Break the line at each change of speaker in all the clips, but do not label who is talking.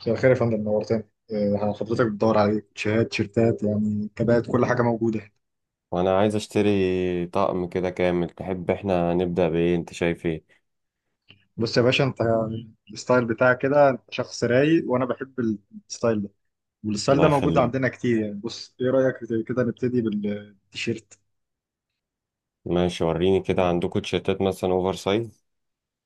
مساء الخير يا فندم، نورتني. حضرتك بتدور على شهات تيشيرتات، يعني كبات، كل حاجه موجوده هنا.
وانا عايز اشتري طقم كده كامل، تحب احنا نبدأ بايه؟ انت شايف ايه؟
بص يا باشا، انت الستايل بتاعك كده، انت شخص رايق وانا بحب الستايل ده، والستايل
الله
ده موجود
يخليك.
عندنا كتير. يعني بص، ايه رايك كده نبتدي بالتيشيرت؟
ماشي، وريني كده عندكم تيشيرتات مثلا اوفر سايز.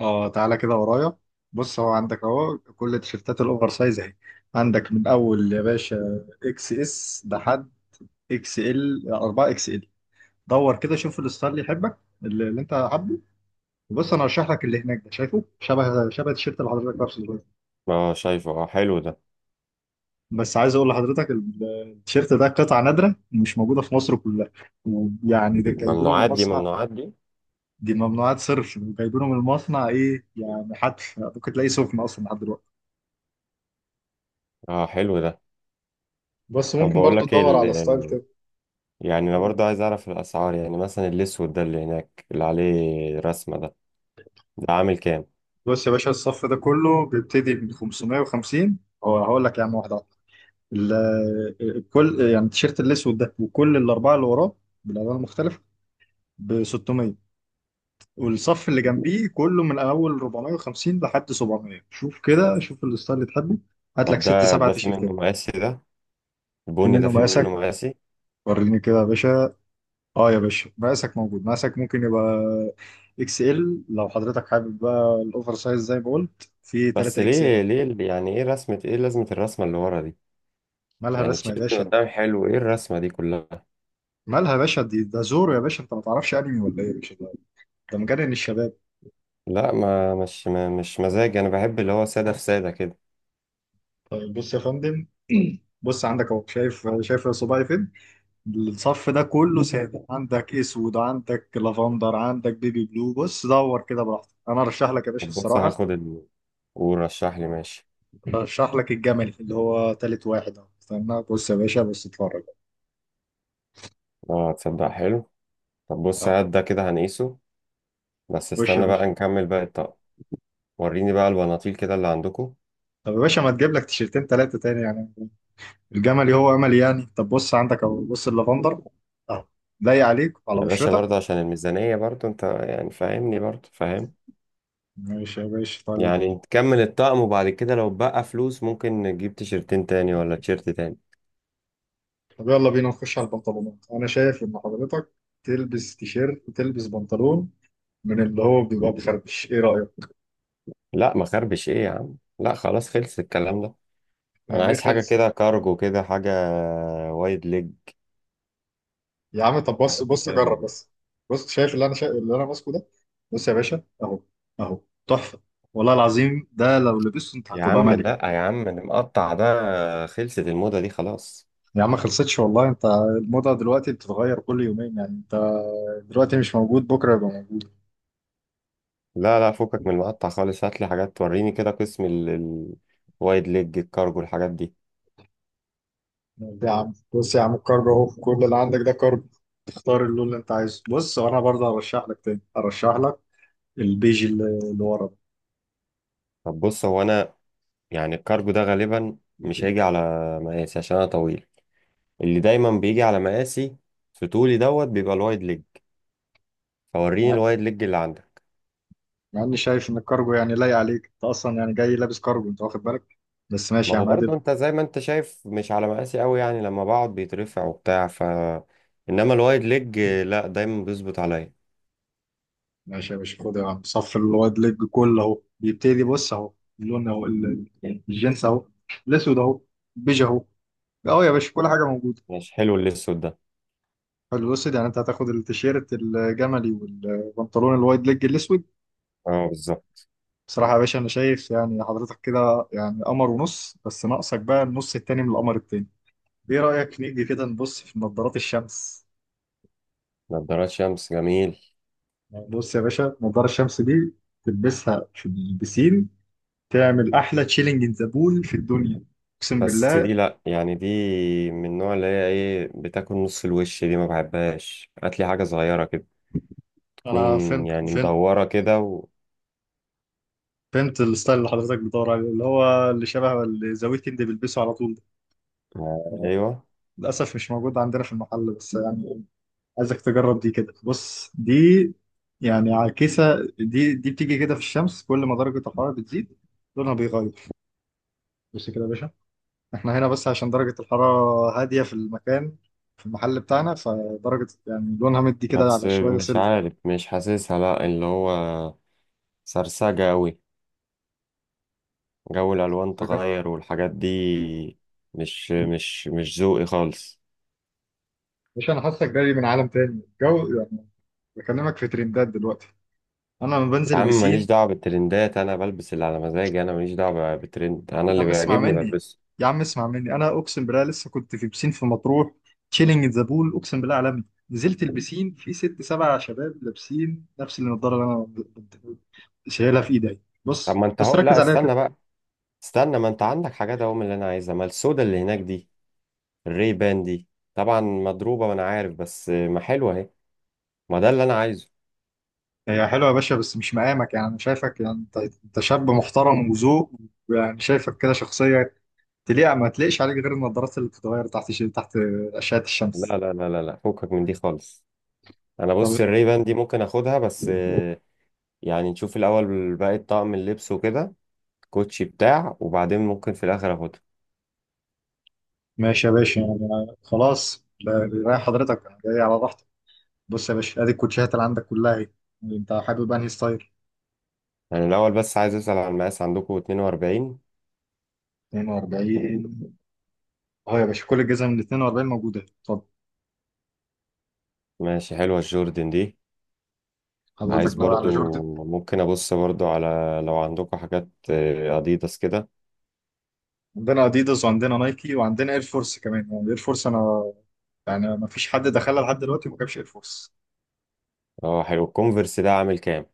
اه، تعالى كده ورايا. بص، هو عندك اهو كل التيشيرتات الاوفر سايز اهي. عندك من اول يا باشا اكس اس لحد اكس ال، 4 اكس ال. دور كده، شوف الستايل اللي يحبك، اللي انت حابه. بص انا هشرح لك، اللي هناك ده شايفه شبه التيشيرت اللي حضرتك لابسه دلوقتي.
اه شايفه، اه حلو ده.
بس عايز اقول لحضرتك التيشيرت ده قطعه نادره، مش موجوده في مصر كلها، ويعني ده جايبينه من
ممنوعات دي؟
المصنع.
ممنوعات دي؟
دي ممنوعات صرف، وجايبينه من المصنع. ايه يعني، حتى ممكن تلاقيه سخن اصلا لحد دلوقتي.
اه حلو ده.
بس
طب
ممكن
بقول
برضو
لك ايه
تدور على ستايل كده.
يعني انا برضه عايز اعرف الاسعار، يعني مثلا الاسود ده اللي هناك اللي عليه رسمة ده، ده عامل كام؟
بص يا باشا، الصف ده كله بيبتدي من 550. هو هقول لك يا عم واحده واحده. كل يعني التيشيرت الاسود ده وكل الاربعه اللي وراه بالالوان المختلفه ب 600. والصف اللي جنبيه كله من اول 450 لحد 700. شوف كده، شوف الستايل اللي تحبه، هات لك
طب
ست
ده
سبع
ده في منه
تيشيرتات.
مقاسي؟ ده
في
البني ده
منه
في منه
مقاسك؟
مقاسي؟
وريني كده يا باشا. اه يا باشا، مقاسك موجود، مقاسك ممكن يبقى اكس ال، لو حضرتك حابب بقى الاوفر سايز زي ما قلت في
بس
3 اكس
ليه؟
ال.
ليه؟ يعني ايه رسمة؟ ايه لازمة الرسمة اللي ورا دي؟
مالها
يعني
الرسمه يا
التيشيرت من
باشا؟
قدام حلو، ايه الرسمة دي كلها؟
مالها يا باشا دي؟ ده زورو يا باشا، انت ما تعرفش انمي ولا ايه يا باشا؟ ده ده مجنن الشباب.
لا، ما مش ما مش مزاج، انا بحب اللي هو ساده في ساده كده.
طيب بص يا فندم، بص، عندك اهو، شايف صباعي فين؟ الصف ده كله متعب سادة، عندك اسود، عندك لافندر، عندك بيبي بلو. بص دور كده براحتك، انا ارشح لك يا باشا
طب بص
الصراحه.
هاخد ورشح لي، ماشي.
ارشح لك الجملي اللي هو تالت واحد اهو. استنى بص يا باشا، بص اتفرج.
اه تصدق حلو. طب بص
اهو.
هات ده كده هنقيسه. بس
خش يا
استنى
باشا.
بقى نكمل باقي الطقم. وريني بقى البناطيل كده اللي عندكم.
طب يا باشا، ما تجيب لك تيشيرتين تلاتة تاني يعني؟ الجملي هو املي يعني. طب بص، عندك اهو، بص اللافندر اهو، لايق عليك على
يا باشا
بشرتك.
برضه عشان الميزانية، برضه انت يعني فاهمني، برضه فاهم.
ماشي يا باشا، طيب.
يعني نكمل الطقم، وبعد كده لو بقى فلوس ممكن نجيب تيشرتين تاني ولا تيشرت تاني.
طب يلا بينا نخش على البنطلونات. انا شايف ان حضرتك تلبس تيشيرت، تلبس بنطلون من اللي هو بيبقى بخربش، ايه رأيك؟
لا، ما خربش ايه يا عم، لا خلاص خلص الكلام ده. انا
يعني ايه
عايز حاجة
خلص؟
كده كارجو كده حاجة، وايد ليج.
يا عم طب بص،
حياتك
بص جرب
حلوة.
بس. بص، شايف اللي انا شايف، اللي انا ماسكه ده؟ بص يا باشا اهو. اهو. تحفه. والله العظيم ده لو لبسته انت
يا
هتبقى
عم
ملك.
لا، يا عم المقطع ده خلصت الموضة دي خلاص.
يا عم ما خلصتش والله، انت الموضه دلوقتي بتتغير كل يومين. يعني انت دلوقتي مش موجود، بكره يبقى موجود.
لا لا، فكك من المقطع خالص، هات لي حاجات توريني كده قسم الوايد ليج، الكارجو، الحاجات دي.
ده يا عم، بص يا عم، الكارد اهو، كل اللي عندك ده كارد. تختار اللون اللي انت عايزه. بص وانا برضه هرشح لك، تاني هرشح لك البيج اللي اللي ورا ده.
طب بص هو انا يعني الكارجو ده غالبا مش هيجي على مقاسي عشان انا طويل، اللي دايما بيجي على مقاسي في طولي دوت بيبقى الوايد ليج، فوريني الوايد ليج اللي عندك.
مع اني شايف ان الكارجو يعني لايق عليك، انت اصلا يعني جاي لابس كارجو انت، واخد بالك؟ بس ماشي
ما
يا
هو
عم
برضه
عادل.
انت زي ما انت شايف مش على مقاسي قوي، يعني لما بقعد بيترفع وبتاع، ف انما الوايد ليج لا دايما بيظبط عليا.
ماشي يا باشا، خد يا عم، صف الوايد ليج كله اهو بيبتدي، بص اهو. اللون اهو الجنس اهو. الاسود اهو. بيج اهو. اه يا باشا، كل حاجه موجوده.
مش حلو الاسود ده.
حلو الاسود. يعني انت هتاخد التيشيرت الجملي والبنطلون الوايد ليج الاسود.
اه بالظبط.
بصراحه يا باشا، انا شايف يعني حضرتك كده يعني قمر ونص، بس ناقصك بقى النص التاني من القمر التاني. ايه رايك نيجي كده نبص في نظارات الشمس؟
نضارات شمس، جميل.
بص يا باشا، نظارة الشمس دي تلبسها في البسين، تعمل أحلى تشيلنج إن ذا بول في الدنيا، أقسم
بس
بالله.
دي لا، يعني دي من النوع اللي هي ايه، بتاكل نص الوش دي، ما بحبهاش، هات لي حاجه صغيره كده تكون،
أنا فهمت،
يعني
فهمت.
مدوره كده
فهمت الستايل اللي حضرتك بتدور عليه، اللي هو اللي شبه اللي ذا ويكند بيلبسه على طول ده.
آه،
آه،
ايوه.
للأسف مش موجود عندنا في المحل، بس يعني عايزك تجرب دي كده. بص دي، يعني عكسة، دي بتيجي كده في الشمس، كل ما درجة الحرارة بتزيد لونها بيغير. بص كده يا باشا. احنا هنا بس عشان درجة الحرارة هادية في المكان، في المحل بتاعنا، فدرجة يعني لونها مدي كده
بس
على شوية
مش
سيلفر.
عارف، مش حاسسها، لا اللي هو سرسجه قوي، جو الالوان تغير والحاجات دي، مش ذوقي خالص.
مش انا حاسك جاي من عالم تاني، الجو يعني، بكلمك في ترندات دلوقتي. انا لما بنزل
يا عم ماليش
البسين،
دعوه بالترندات، انا بلبس اللي على مزاجي، انا ماليش دعوه بالترند، انا
يا
اللي
عم اسمع
بيعجبني
مني،
بلبسه.
يا عم اسمع مني، انا اقسم بالله لسه كنت في بسين في مطروح، تشيلنج ذا بول اقسم بالله عالمي، نزلت البسين في ست سبع شباب لابسين نفس النضاره اللي انا شايلها في ايدي.
طب
بص
ما انت
بص
هو
ركز
لا،
عليها
استنى
كده.
بقى، استنى، ما انت عندك حاجات اهو من اللي انا عايزها، ما السودا اللي هناك دي، الري بان دي طبعا مضروبة وانا عارف، بس ما حلوة اهي، ما ده اللي انا عايزه.
هي حلوه يا باشا، بس مش مقامك. يعني انا شايفك، يعني انت انت شاب محترم وذوق، يعني شايفك كده شخصيه تليق، ما تليقش عليك غير النظارات اللي بتتغير تحت تحت اشعه
لا
الشمس.
لا لا لا لا فكك من دي خالص. انا
طب
بص الري بان دي ممكن اخدها، بس يعني نشوف الاول باقي طقم اللبس وكده، كوتشي بتاع، وبعدين ممكن في الاخر اخدها.
ماشي يا باشا، يعني خلاص رايح حضرتك، أنا جاي على راحتك. بص يا باشا، ادي الكوتشيهات اللي عندك كلها اهي، انت حابب انهي ستايل؟
يعني الاول بس عايز اسأل على المقاس، عندكم 42؟
42؟ اهو يا باشا، كل الجزم من 42 موجوده، اتفضل.
ماشي، حلوة الجوردن دي.
حضرتك
عايز
ناوي على
برضو،
جورد؟
ممكن ابص برضو على، لو عندكم حاجات اديداس كده.
عندنا اديداس، وعندنا نايكي، وعندنا اير فورس كمان. يعني اير فورس انا يعني ما فيش حد دخلها لحد دلوقتي وما جابش اير فورس.
اه حلو الكونفرس ده، عامل كام؟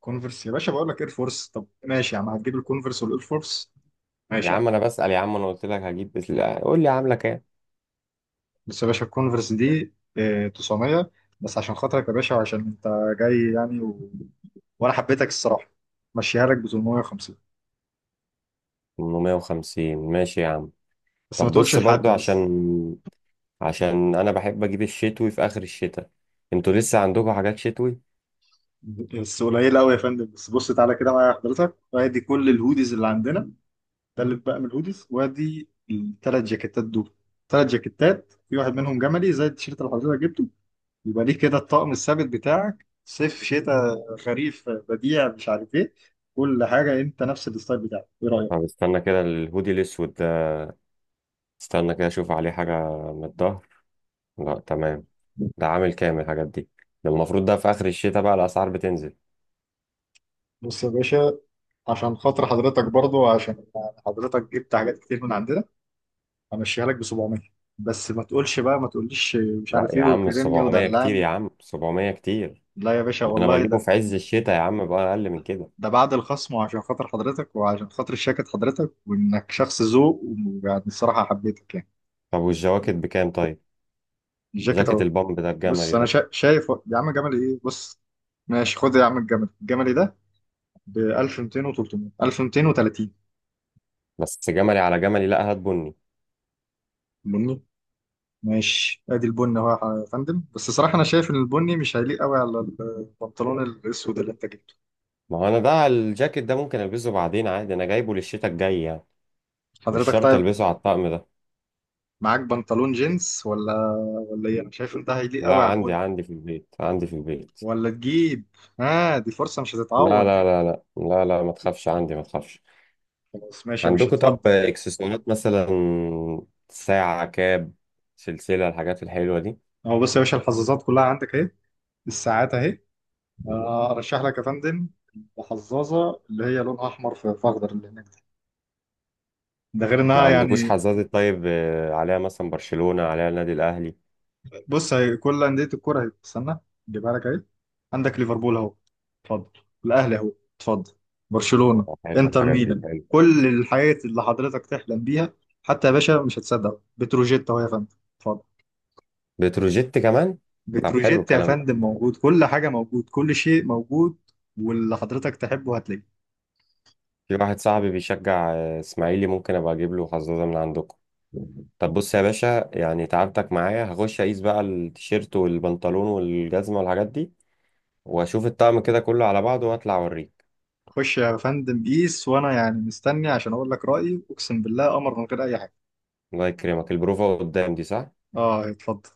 كونفرس يا باشا؟ بقول لك اير فورس. طب ماشي يا عم، هتجيب الكونفرس والاير فورس؟
يا
ماشي يا عم.
عم انا بسأل، يا عم انا قلت لك هجيب، لا، قول لي عامله كام.
بس يا باشا الكونفرس دي 900. بس عشان خاطرك يا باشا، وعشان انت جاي يعني و... وانا حبيتك الصراحه، مشيها لك ب 850.
850، ماشي يا عم.
بس ما
طب
تقولش
بص
لحد
برضو عشان،
بس.
عشان انا بحب اجيب الشتوي في اخر الشتاء، انتوا لسه عندكم حاجات شتوي؟
بس قليل قوي يا فندم. بس بص تعالى كده معايا حضرتك، وادي كل الهوديز اللي عندنا. تلت بقى من الهوديز، وادي التلات جاكيتات دول، تلات جاكيتات، في واحد منهم جملي زي التيشيرت اللي حضرتك جبته، يبقى ليه كده الطقم الثابت بتاعك صيف شتاء خريف بديع مش عارف ايه. كل حاجة انت نفس الستايل بتاعك، ايه رأيك؟
طب استنى كده، الهودي الاسود ده، استنى كده اشوف عليه حاجه من الظهر. لا تمام. ده عامل كام الحاجات دي؟ ده المفروض ده في اخر الشتاء بقى الاسعار بتنزل.
بص يا باشا، عشان خاطر حضرتك برضو، عشان حضرتك جبت حاجات كتير من عندنا، همشيها لك ب 700. بس ما تقولش بقى ما تقوليش مش
لا
عارف
يا
ايه،
عم
وكرمني
700 كتير، يا
ودلعني.
عم 700 كتير،
لا يا باشا
ده انا
والله،
بجيبه
ده
في عز الشتاء يا عم بقى اقل من كده.
ده بعد الخصم، وعشان خاطر حضرتك وعشان خاطر الجاكيت حضرتك، وانك شخص ذوق، ويعني الصراحه حبيتك يعني.
طب والجواكت بكام طيب؟
الجاكيت
جاكيت
اهو.
البامب ده الجملي
بص انا
ده.
شايف يا عم، جملي ايه، بص. ماشي، خد يا عم الجملي، الجملي ده ب 1200 و300، 1230.
بس جملي على جملي، لا هات بني.
بني؟ ماشي، ادي البني اهو. يا فندم بس صراحه، انا شايف ان البني مش هيليق قوي على البنطلون الاسود اللي انت جبته.
ما هو انا ده الجاكيت ده ممكن البسه بعدين عادي، انا جايبه للشتاء الجاي يعني، مش
حضرتك
شرط
طيب.
البسه على الطقم ده.
معاك بنطلون جينز ولا ولا ايه؟ انا شايف ان ده هيليق
لا،
قوي على
عندي،
البني.
عندي في البيت.
ولا تجيب؟ اه، دي فرصه مش
لا
هتتعوض
لا
دي.
لا لا لا لا، ما تخافش، عندي، ما تخافش.
خلاص ماشي يا باشا،
عندكم طب
اتفضل.
اكسسوارات مثلا، ساعة، كاب، سلسلة، الحاجات الحلوة دي؟
اهو بص يا باشا، الحظاظات كلها عندك اهي، الساعات اهي. ارشح لك يا فندم الحظاظه اللي هي لونها احمر في اخضر، اللي هناك دي. ده غير
ما
انها
عندكوش
يعني.
حزازة طيب عليها مثلا برشلونة، عليها النادي الأهلي؟
بص هي كل انديه الكوره اهي، استنى اجيبها لك اهي. عندك ليفربول اهو، اتفضل. الاهلي اهو، اتفضل. برشلونه.
آه، حلوة
انتر
الحاجات دي،
ميلان.
حلو.
كل الحاجات اللي حضرتك تحلم بيها. حتى يا باشا مش هتصدق، بتروجيت اهو يا فندم، اتفضل.
بتروجيت كمان؟ طب حلو
بتروجيت يا
الكلام ده.
فندم موجود، كل حاجه موجود، كل شيء موجود. واللي حضرتك تحبه هتلاقيه.
في واحد صاحبي بيشجع اسماعيلي، ممكن ابقى اجيب له حظاظه من عندكم. طب بص يا باشا، يعني تعبتك معايا، هخش اقيس بقى التيشيرت والبنطلون والجزمه والحاجات دي، واشوف الطقم كده كله على بعضه واطلع اوريك.
خش يا فندم قيس، وانا يعني مستني عشان اقول لك رايي، اقسم بالله قمر من غير اي حاجه.
الله يكرمك، البروفه قدام دي صح؟
اه اتفضل.